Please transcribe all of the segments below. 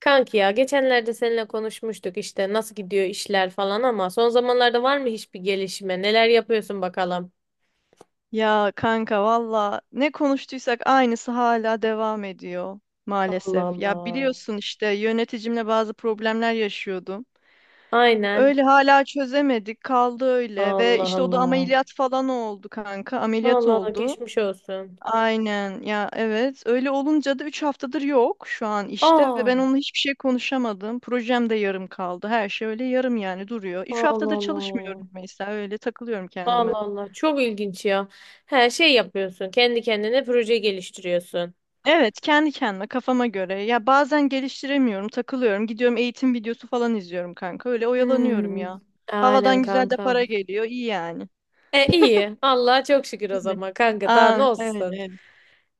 Kanki ya geçenlerde seninle konuşmuştuk işte nasıl gidiyor işler falan ama son zamanlarda var mı hiçbir gelişme? Neler yapıyorsun bakalım? Ya kanka valla ne konuştuysak aynısı hala devam ediyor Allah maalesef. Ya Allah. biliyorsun işte yöneticimle bazı problemler yaşıyordum. Aynen. Öyle hala çözemedik kaldı öyle ve Allah işte o da Allah. ameliyat falan oldu kanka ameliyat Allah Allah oldu. geçmiş olsun. Aynen ya evet öyle olunca da 3 haftadır yok şu an işte ve ben Aa, onunla hiçbir şey konuşamadım. Projem de yarım kaldı her şey öyle yarım yani duruyor. 3 Allah haftadır Allah. çalışmıyorum mesela öyle takılıyorum kendime. Allah Allah. Çok ilginç ya. Her şey yapıyorsun. Kendi kendine proje geliştiriyorsun. Evet, kendi kendime kafama göre. Ya bazen geliştiremiyorum, takılıyorum. Gidiyorum eğitim videosu falan izliyorum kanka. Öyle oyalanıyorum Hmm. ya. Aynen Havadan güzel de kanka. para geliyor. İyi yani. E iyi. Allah'a çok şükür o Öyle. zaman kanka. Daha ne Aa, evet, olsun? evet.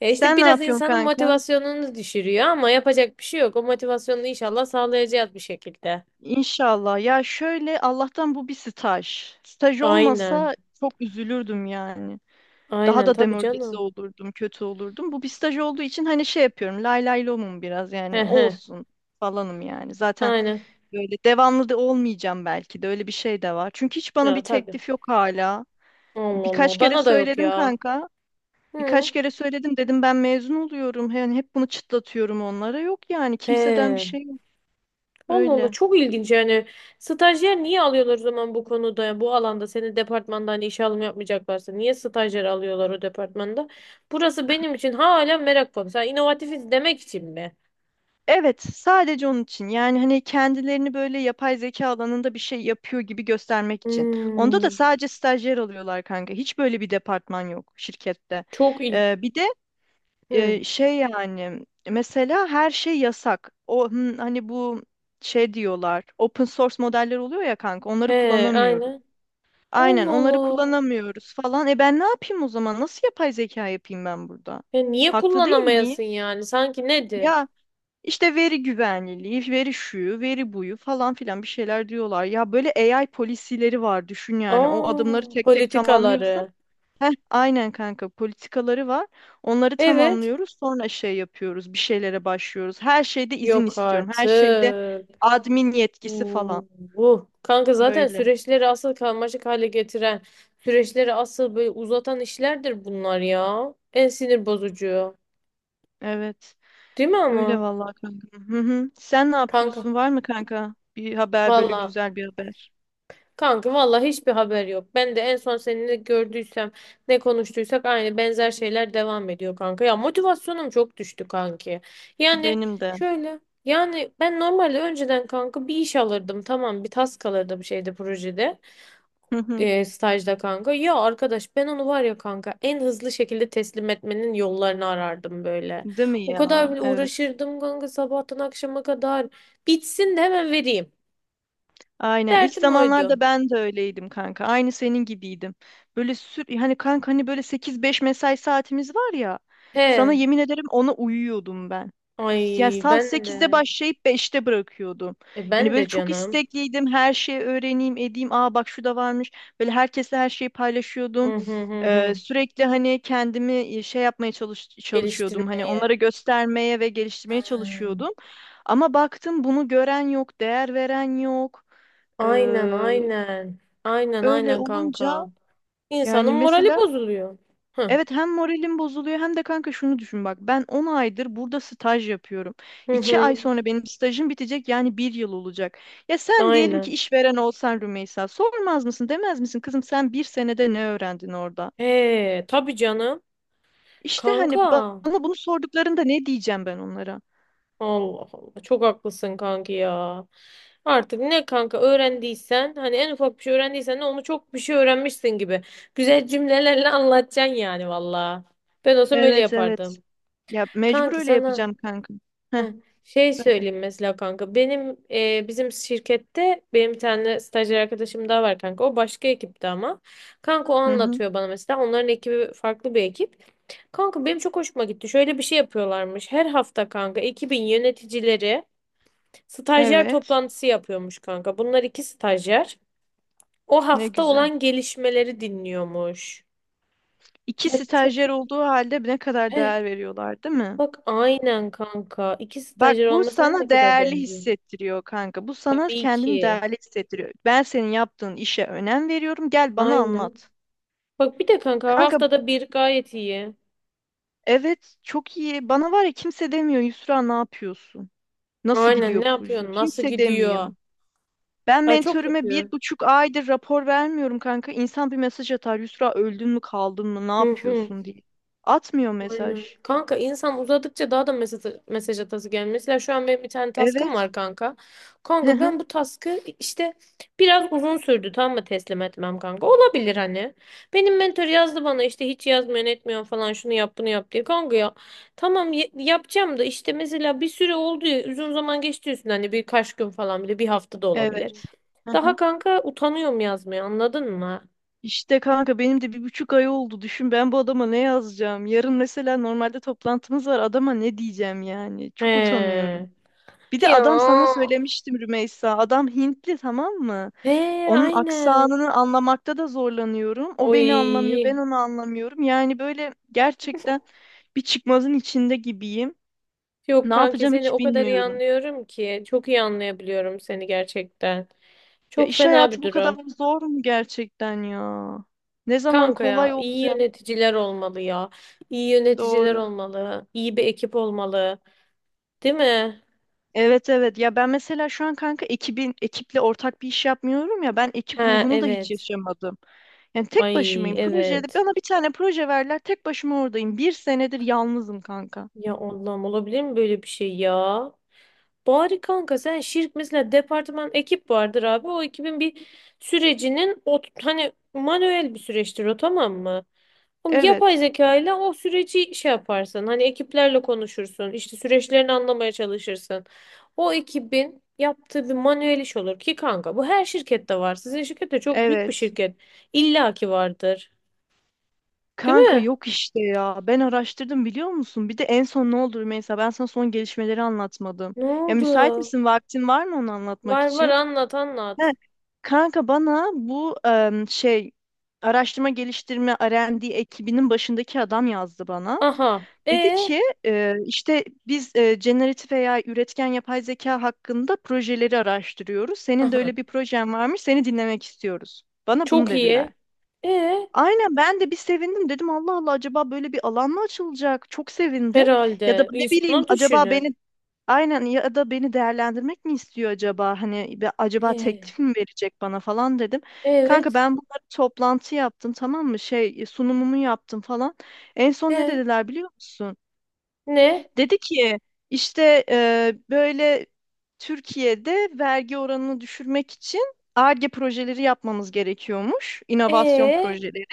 Ya işte Sen ne biraz yapıyorsun insanın kanka? motivasyonunu düşürüyor ama yapacak bir şey yok. O motivasyonunu inşallah sağlayacağız bir şekilde. İnşallah. Ya şöyle Allah'tan bu bir staj. Staj Aynen. olmasa çok üzülürdüm yani. Daha Aynen da tabii demoralize canım. olurdum, kötü olurdum. Bu bir staj olduğu için hani şey yapıyorum. Lay lay lomum biraz yani He he. olsun falanım yani. Zaten Aynen. böyle devamlı da olmayacağım belki de öyle bir şey de var. Çünkü hiç bana Ya bir tabii. teklif yok hala. Allah Birkaç Allah. kere Bana da yok söyledim ya. kanka. Hı. Birkaç kere söyledim dedim ben mezun oluyorum. Yani hep bunu çıtlatıyorum onlara. Yok yani kimseden bir He. şey yok. Allah Allah Öyle. çok ilginç yani. Stajyer niye alıyorlar o zaman bu konuda, bu alanda seni departmandan işe alım yapmayacaklarsa niye stajyer alıyorlar o departmanda? Burası benim için hala merak konusu. Ha, inovatifiz demek için mi? Evet, sadece onun için. Yani hani kendilerini böyle yapay zeka alanında bir şey yapıyor gibi göstermek için. Onda da Hmm. sadece stajyer alıyorlar kanka. Hiç böyle bir departman yok şirkette. Çok Bir de ilginç. Şey yani mesela her şey yasak. O hani bu şey diyorlar. Open source modeller oluyor ya kanka. He, Onları kullanamıyoruz. aynen. Aynen Allah onları Allah. kullanamıyoruz falan. E ben ne yapayım o zaman? Nasıl yapay zeka yapayım ben burada? E niye Haklı değil miyim? kullanamayasın yani? Sanki nedir? Ya işte veri güvenliliği, veri şuyu, veri buyu falan filan bir şeyler diyorlar. Ya böyle AI polisileri var düşün yani. O adımları Aa, tek tek tamamlıyorsun. politikaları. Heh, aynen kanka politikaları var. Onları Evet. tamamlıyoruz. Sonra şey yapıyoruz. Bir şeylere başlıyoruz. Her şeyde izin Yok istiyorum. Her şeyde artık. admin yetkisi Uh, falan. Kanka zaten Öyle. süreçleri asıl karmaşık hale getiren, süreçleri asıl böyle uzatan işlerdir bunlar ya. En sinir bozucu. Evet. Değil mi Öyle ama? vallahi kanka. Hı hı. Sen ne Kanka. yapıyorsun? Var mı kanka? Bir haber böyle Valla. güzel bir haber. Kanka vallahi hiçbir haber yok. Ben de en son seninle gördüysem ne konuştuysak aynı benzer şeyler devam ediyor kanka. Ya motivasyonum çok düştü kanki. Yani Benim de. şöyle yani ben normalde önceden kanka bir iş alırdım, tamam, bir task alırdım şeyde, projede, Hı hı. Stajda kanka. Ya arkadaş, ben onu var ya kanka en hızlı şekilde teslim etmenin yollarını arardım böyle. Değil mi O ya? kadar bile Evet. uğraşırdım kanka sabahtan akşama kadar bitsin de hemen vereyim. Aynen. İlk Derdim zamanlarda oydu. ben de öyleydim kanka. Aynı senin gibiydim. Böyle sür hani kanka hani böyle sekiz beş mesai saatimiz var ya. Sana He. yemin ederim ona uyuyordum ben. Ya Ay saat ben sekizde de. başlayıp beşte bırakıyordum. E Yani ben böyle de çok canım. istekliydim. Her şeyi öğreneyim, edeyim. Aa bak şu da varmış. Böyle herkesle her şeyi paylaşıyordum. Hı hı hı hı. Sürekli hani kendimi şey yapmaya çalışıyordum. Hani Geliştirmeye. onlara göstermeye ve geliştirmeye Hmm. çalışıyordum. Ama baktım bunu gören yok, değer veren yok. Aynen Ee, aynen. Aynen öyle aynen olunca kanka. İnsanın yani morali mesela bozuluyor. Hı evet hem moralim bozuluyor hem de kanka şunu düşün bak ben 10 aydır burada staj yapıyorum. hı İki ay hı. sonra benim stajım bitecek yani bir yıl olacak. Ya sen diyelim ki Aynen. işveren olsan Rümeysa sormaz mısın demez misin kızım sen bir senede ne öğrendin orada? Tabii canım. İşte hani Kanka. bana bunu sorduklarında ne diyeceğim ben onlara? Allah Allah. Çok haklısın kanki ya. Artık ne kanka öğrendiysen, hani en ufak bir şey öğrendiysen de onu çok bir şey öğrenmişsin gibi güzel cümlelerle anlatacaksın yani valla. Ben olsam öyle Evet evet yapardım. ya mecbur Kanki öyle sana yapacağım kanka. Heh, heh, şey söyle. söyleyeyim mesela kanka. Benim, bizim şirkette benim bir tane stajyer arkadaşım daha var kanka. O başka ekipte ama. Kanka o Hı hı. anlatıyor bana mesela. Onların ekibi farklı bir ekip. Kanka benim çok hoşuma gitti. Şöyle bir şey yapıyorlarmış. Her hafta kanka ekibin yöneticileri stajyer Evet toplantısı yapıyormuş kanka. Bunlar iki stajyer. O ne hafta güzel. olan gelişmeleri dinliyormuş. İki Ya çok stajyer iyi. olduğu halde ne kadar Heh, değer veriyorlar, değil mi? bak aynen kanka. İki Bak stajyer bu olmasa ne sana kadar değerli değerli. hissettiriyor kanka. Bu sana Tabii kendini ki. değerli hissettiriyor. Ben senin yaptığın işe önem veriyorum. Gel bana Aynen. anlat. Bak bir de kanka Kanka haftada bir gayet iyi. evet çok iyi. Bana var ya kimse demiyor Yusra ne yapıyorsun? Nasıl Aynen, gidiyor ne proje? yapıyorsun? Nasıl Kimse gidiyor? demiyor. Ben Ay çok mentörüme bir kötü. buçuk aydır rapor vermiyorum kanka. İnsan bir mesaj atar. Yusra öldün mü kaldın mı ne Hı hı. yapıyorsun diye. Atmıyor Aynen. mesaj. Kanka insan uzadıkça daha da mesaj atası gelmiyor. Mesela şu an benim bir tane task'ım Evet. var kanka. Kanka ben bu task'ı, işte biraz uzun sürdü, tamam mı, teslim etmem kanka. Olabilir hani. Benim mentor yazdı bana işte hiç yazmıyorsun etmiyorsun falan, şunu yap bunu yap diye. Kanka ya tamam yapacağım da işte mesela bir süre oldu ya, uzun zaman geçti üstünden, hani birkaç gün falan bile, bir hafta da olabilir. Evet. Daha kanka utanıyorum yazmaya, anladın mı? İşte kanka benim de bir buçuk ay oldu. Düşün ben bu adama ne yazacağım? Yarın mesela normalde toplantımız var. Adama ne diyeceğim yani? Çok He. utanıyorum. Bir de adam sana Ya. söylemiştim Rümeysa. Adam Hintli tamam mı? He Onun aynen. aksanını anlamakta da zorlanıyorum. O beni anlamıyor, ben Oy. onu anlamıyorum. Yani böyle gerçekten bir çıkmazın içinde gibiyim. Yok Ne kanki, yapacağım seni hiç o kadar iyi bilmiyorum. anlıyorum ki. Çok iyi anlayabiliyorum seni gerçekten. Ya Çok iş fena bir hayatı bu kadar durum. zor mu gerçekten ya? Ne zaman Kanka kolay ya iyi olacak? yöneticiler olmalı ya. İyi yöneticiler Doğru. olmalı. İyi bir ekip olmalı. Değil mi? Evet evet ya ben mesela şu an kanka ekiple ortak bir iş yapmıyorum ya ben He ekip ruhunu da hiç evet. yaşamadım. Yani tek Ay başımayım. Projede evet. bana bir tane proje verler tek başıma oradayım. Bir senedir yalnızım kanka. Ya Allah'ım, olabilir mi böyle bir şey ya? Bari kanka sen mesela departman, ekip vardır abi. O ekibin bir sürecinin, o hani manuel bir süreçtir o, tamam mı? Oğlum yapay Evet. zeka ile o süreci şey yaparsın. Hani ekiplerle konuşursun, işte süreçlerini anlamaya çalışırsın. O ekibin yaptığı bir manuel iş olur ki kanka bu her şirkette var. Sizin şirket de çok büyük bir Evet. şirket. İlla ki vardır. Değil Kanka mi? yok işte ya. Ben araştırdım biliyor musun? Bir de en son ne oldu mesela ben sana son gelişmeleri anlatmadım. Ne Ya müsait oldu? misin? Vaktin var mı onu anlatmak Var var, için? anlat He, anlat. kanka bana bu şey araştırma geliştirme R&D ekibinin başındaki adam yazdı bana. Aha. Dedi E. ki işte biz generatif veya üretken yapay zeka hakkında projeleri araştırıyoruz. Senin de Aha. öyle bir projen varmış, seni dinlemek istiyoruz. Bana bunu Çok dediler. iyi. E. Aynen ben de bir sevindim dedim Allah Allah acaba böyle bir alan mı açılacak? Çok sevindim. Ya da Herhalde ne bileyim insanlar acaba beni düşünür. aynen ya da beni değerlendirmek mi istiyor acaba? Hani acaba He, teklif mi verecek bana falan dedim. Kanka evet. ben bunları toplantı yaptım tamam mı? Şey sunumumu yaptım falan. En son ne He, dediler biliyor musun? ne? Dedi ki işte böyle Türkiye'de vergi oranını düşürmek için Ar-Ge projeleri yapmamız gerekiyormuş, inovasyon Ee projeleri.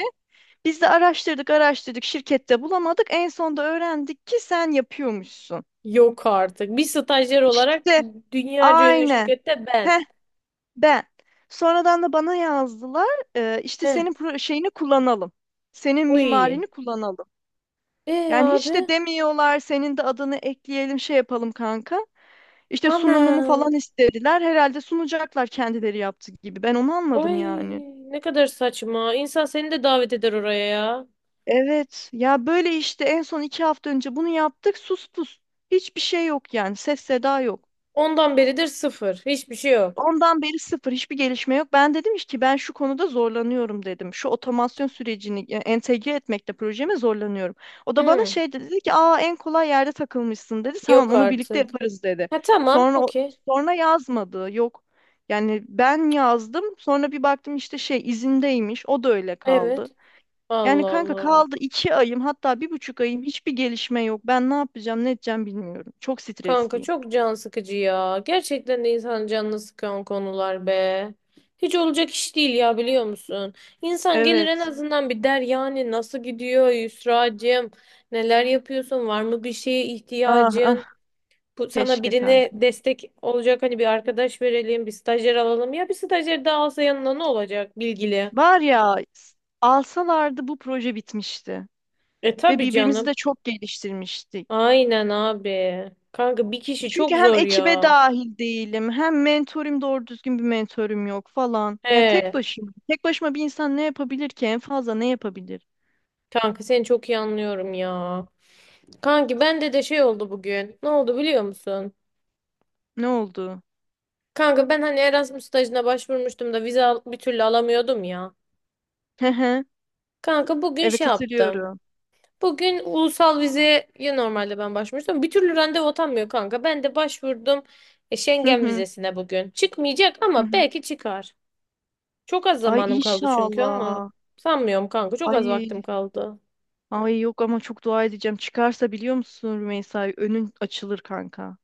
Biz de araştırdık, araştırdık, şirkette bulamadık. En sonunda öğrendik ki sen yapıyormuşsun. yok artık. Bir stajyer olarak İşte dünyaca ünlü aynen. şirkette ben. Heh, ben. Sonradan da bana yazdılar. İşte He. Şeyini kullanalım. Senin Uy. mimarini kullanalım. Ee Yani hiç de abi. demiyorlar senin de adını ekleyelim şey yapalım kanka. İşte Ana. sunumumu falan istediler. Herhalde sunacaklar kendileri yaptı gibi. Ben onu anladım Ay yani. ne kadar saçma. İnsan seni de davet eder oraya ya. Evet ya böyle işte en son iki hafta önce bunu yaptık sus pus. Hiçbir şey yok yani ses seda yok. Ondan beridir sıfır. Hiçbir şey yok. Ondan beri sıfır hiçbir gelişme yok. Ben dedim ki ben şu konuda zorlanıyorum dedim. Şu otomasyon sürecini entegre etmekte projeme zorlanıyorum. O da bana Hmm. şey dedi, dedi ki aa en kolay yerde takılmışsın dedi. Tamam Yok onu birlikte artık. yaparız dedi. Ha tamam. Sonra o- Okey. Sonra yazmadı. Yok. Yani ben yazdım. Sonra bir baktım işte şey izindeymiş. O da öyle Evet. kaldı. Yani Allah kanka Allah. kaldı iki ayım hatta bir buçuk ayım hiçbir gelişme yok. Ben ne yapacağım ne edeceğim bilmiyorum. Çok Kanka stresliyim. çok can sıkıcı ya. Gerçekten de insanın canını sıkan konular be. Hiç olacak iş değil ya, biliyor musun? İnsan gelir, en Evet. azından bir der yani, nasıl gidiyor Yusra'cığım? Neler yapıyorsun? Var mı bir şeye Ah ah ihtiyacın? Bu sana keşke birine kanka. destek olacak, hani bir arkadaş verelim, bir stajyer alalım. Ya bir stajyer daha alsa yanına ne olacak bilgili? Alsalardı bu proje bitmişti E ve tabii birbirimizi canım. de çok geliştirmiştik. Aynen abi. Kanka bir kişi Çünkü çok hem zor ekibe ya. dahil değilim, hem mentorum doğru düzgün bir mentorum yok falan. Yani tek He. başıma. Tek başıma bir insan ne yapabilir ki? En fazla ne yapabilir? Kanka seni çok iyi anlıyorum ya. Kanki bende de şey oldu bugün. Ne oldu biliyor musun? Ne oldu? Kanka ben hani Erasmus stajına başvurmuştum da vize bir türlü alamıyordum ya. Hı hı. Kanka bugün şey Evet yaptım. hatırlıyorum. Bugün ulusal vizeye normalde ben başvurmuştum. Bir türlü randevu atanmıyor kanka. Ben de başvurdum Hı Schengen hı. vizesine bugün. Çıkmayacak Hı ama hı. belki çıkar. Çok az Ay zamanım kaldı çünkü ama. inşallah. Sanmıyorum kanka, çok az vaktim Ay kaldı. ay yok ama çok dua edeceğim. Çıkarsa biliyor musun Rümeysa önün açılır kanka.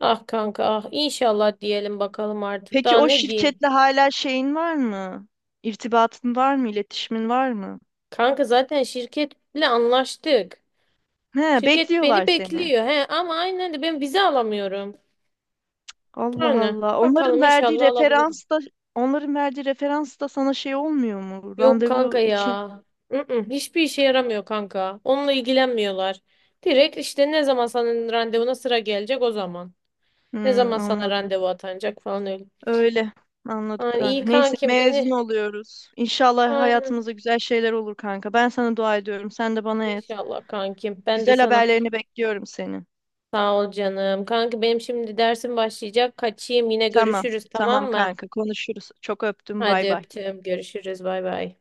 Ah kanka ah, inşallah diyelim bakalım artık. Peki Daha o ne diyeyim? şirketle hala şeyin var mı? İrtibatın var mı? İletişimin var mı? Kanka zaten şirketle anlaştık. He, Şirket beni bekliyorlar seni. bekliyor. He, ama aynen de ben vize alamıyorum. Allah Aynen, Allah. Onların bakalım verdiği inşallah alabilirim. referans da onların verdiği referans da sana şey olmuyor mu? Yok kanka Randevu için. ya. Mm-mm, hiçbir işe yaramıyor kanka. Onunla ilgilenmiyorlar. Direkt işte, ne zaman senin randevuna sıra gelecek, o zaman. Ne Hmm, zaman sana anladım. randevu atanacak falan öyle. Öyle. Anladım Yani iyi kanka. Neyse kankim mezun beni. oluyoruz. İnşallah Aynen. hayatımızda güzel şeyler olur kanka. Ben sana dua ediyorum. Sen de bana et. İnşallah kankim. Ben de Güzel sana. haberlerini bekliyorum senin. Sağ ol canım. Kanki benim şimdi dersim başlayacak. Kaçayım, yine Tamam. görüşürüz tamam Tamam mı? kanka. Konuşuruz. Çok öptüm. Bay Hadi bay. öptüm. Görüşürüz. Bay bay.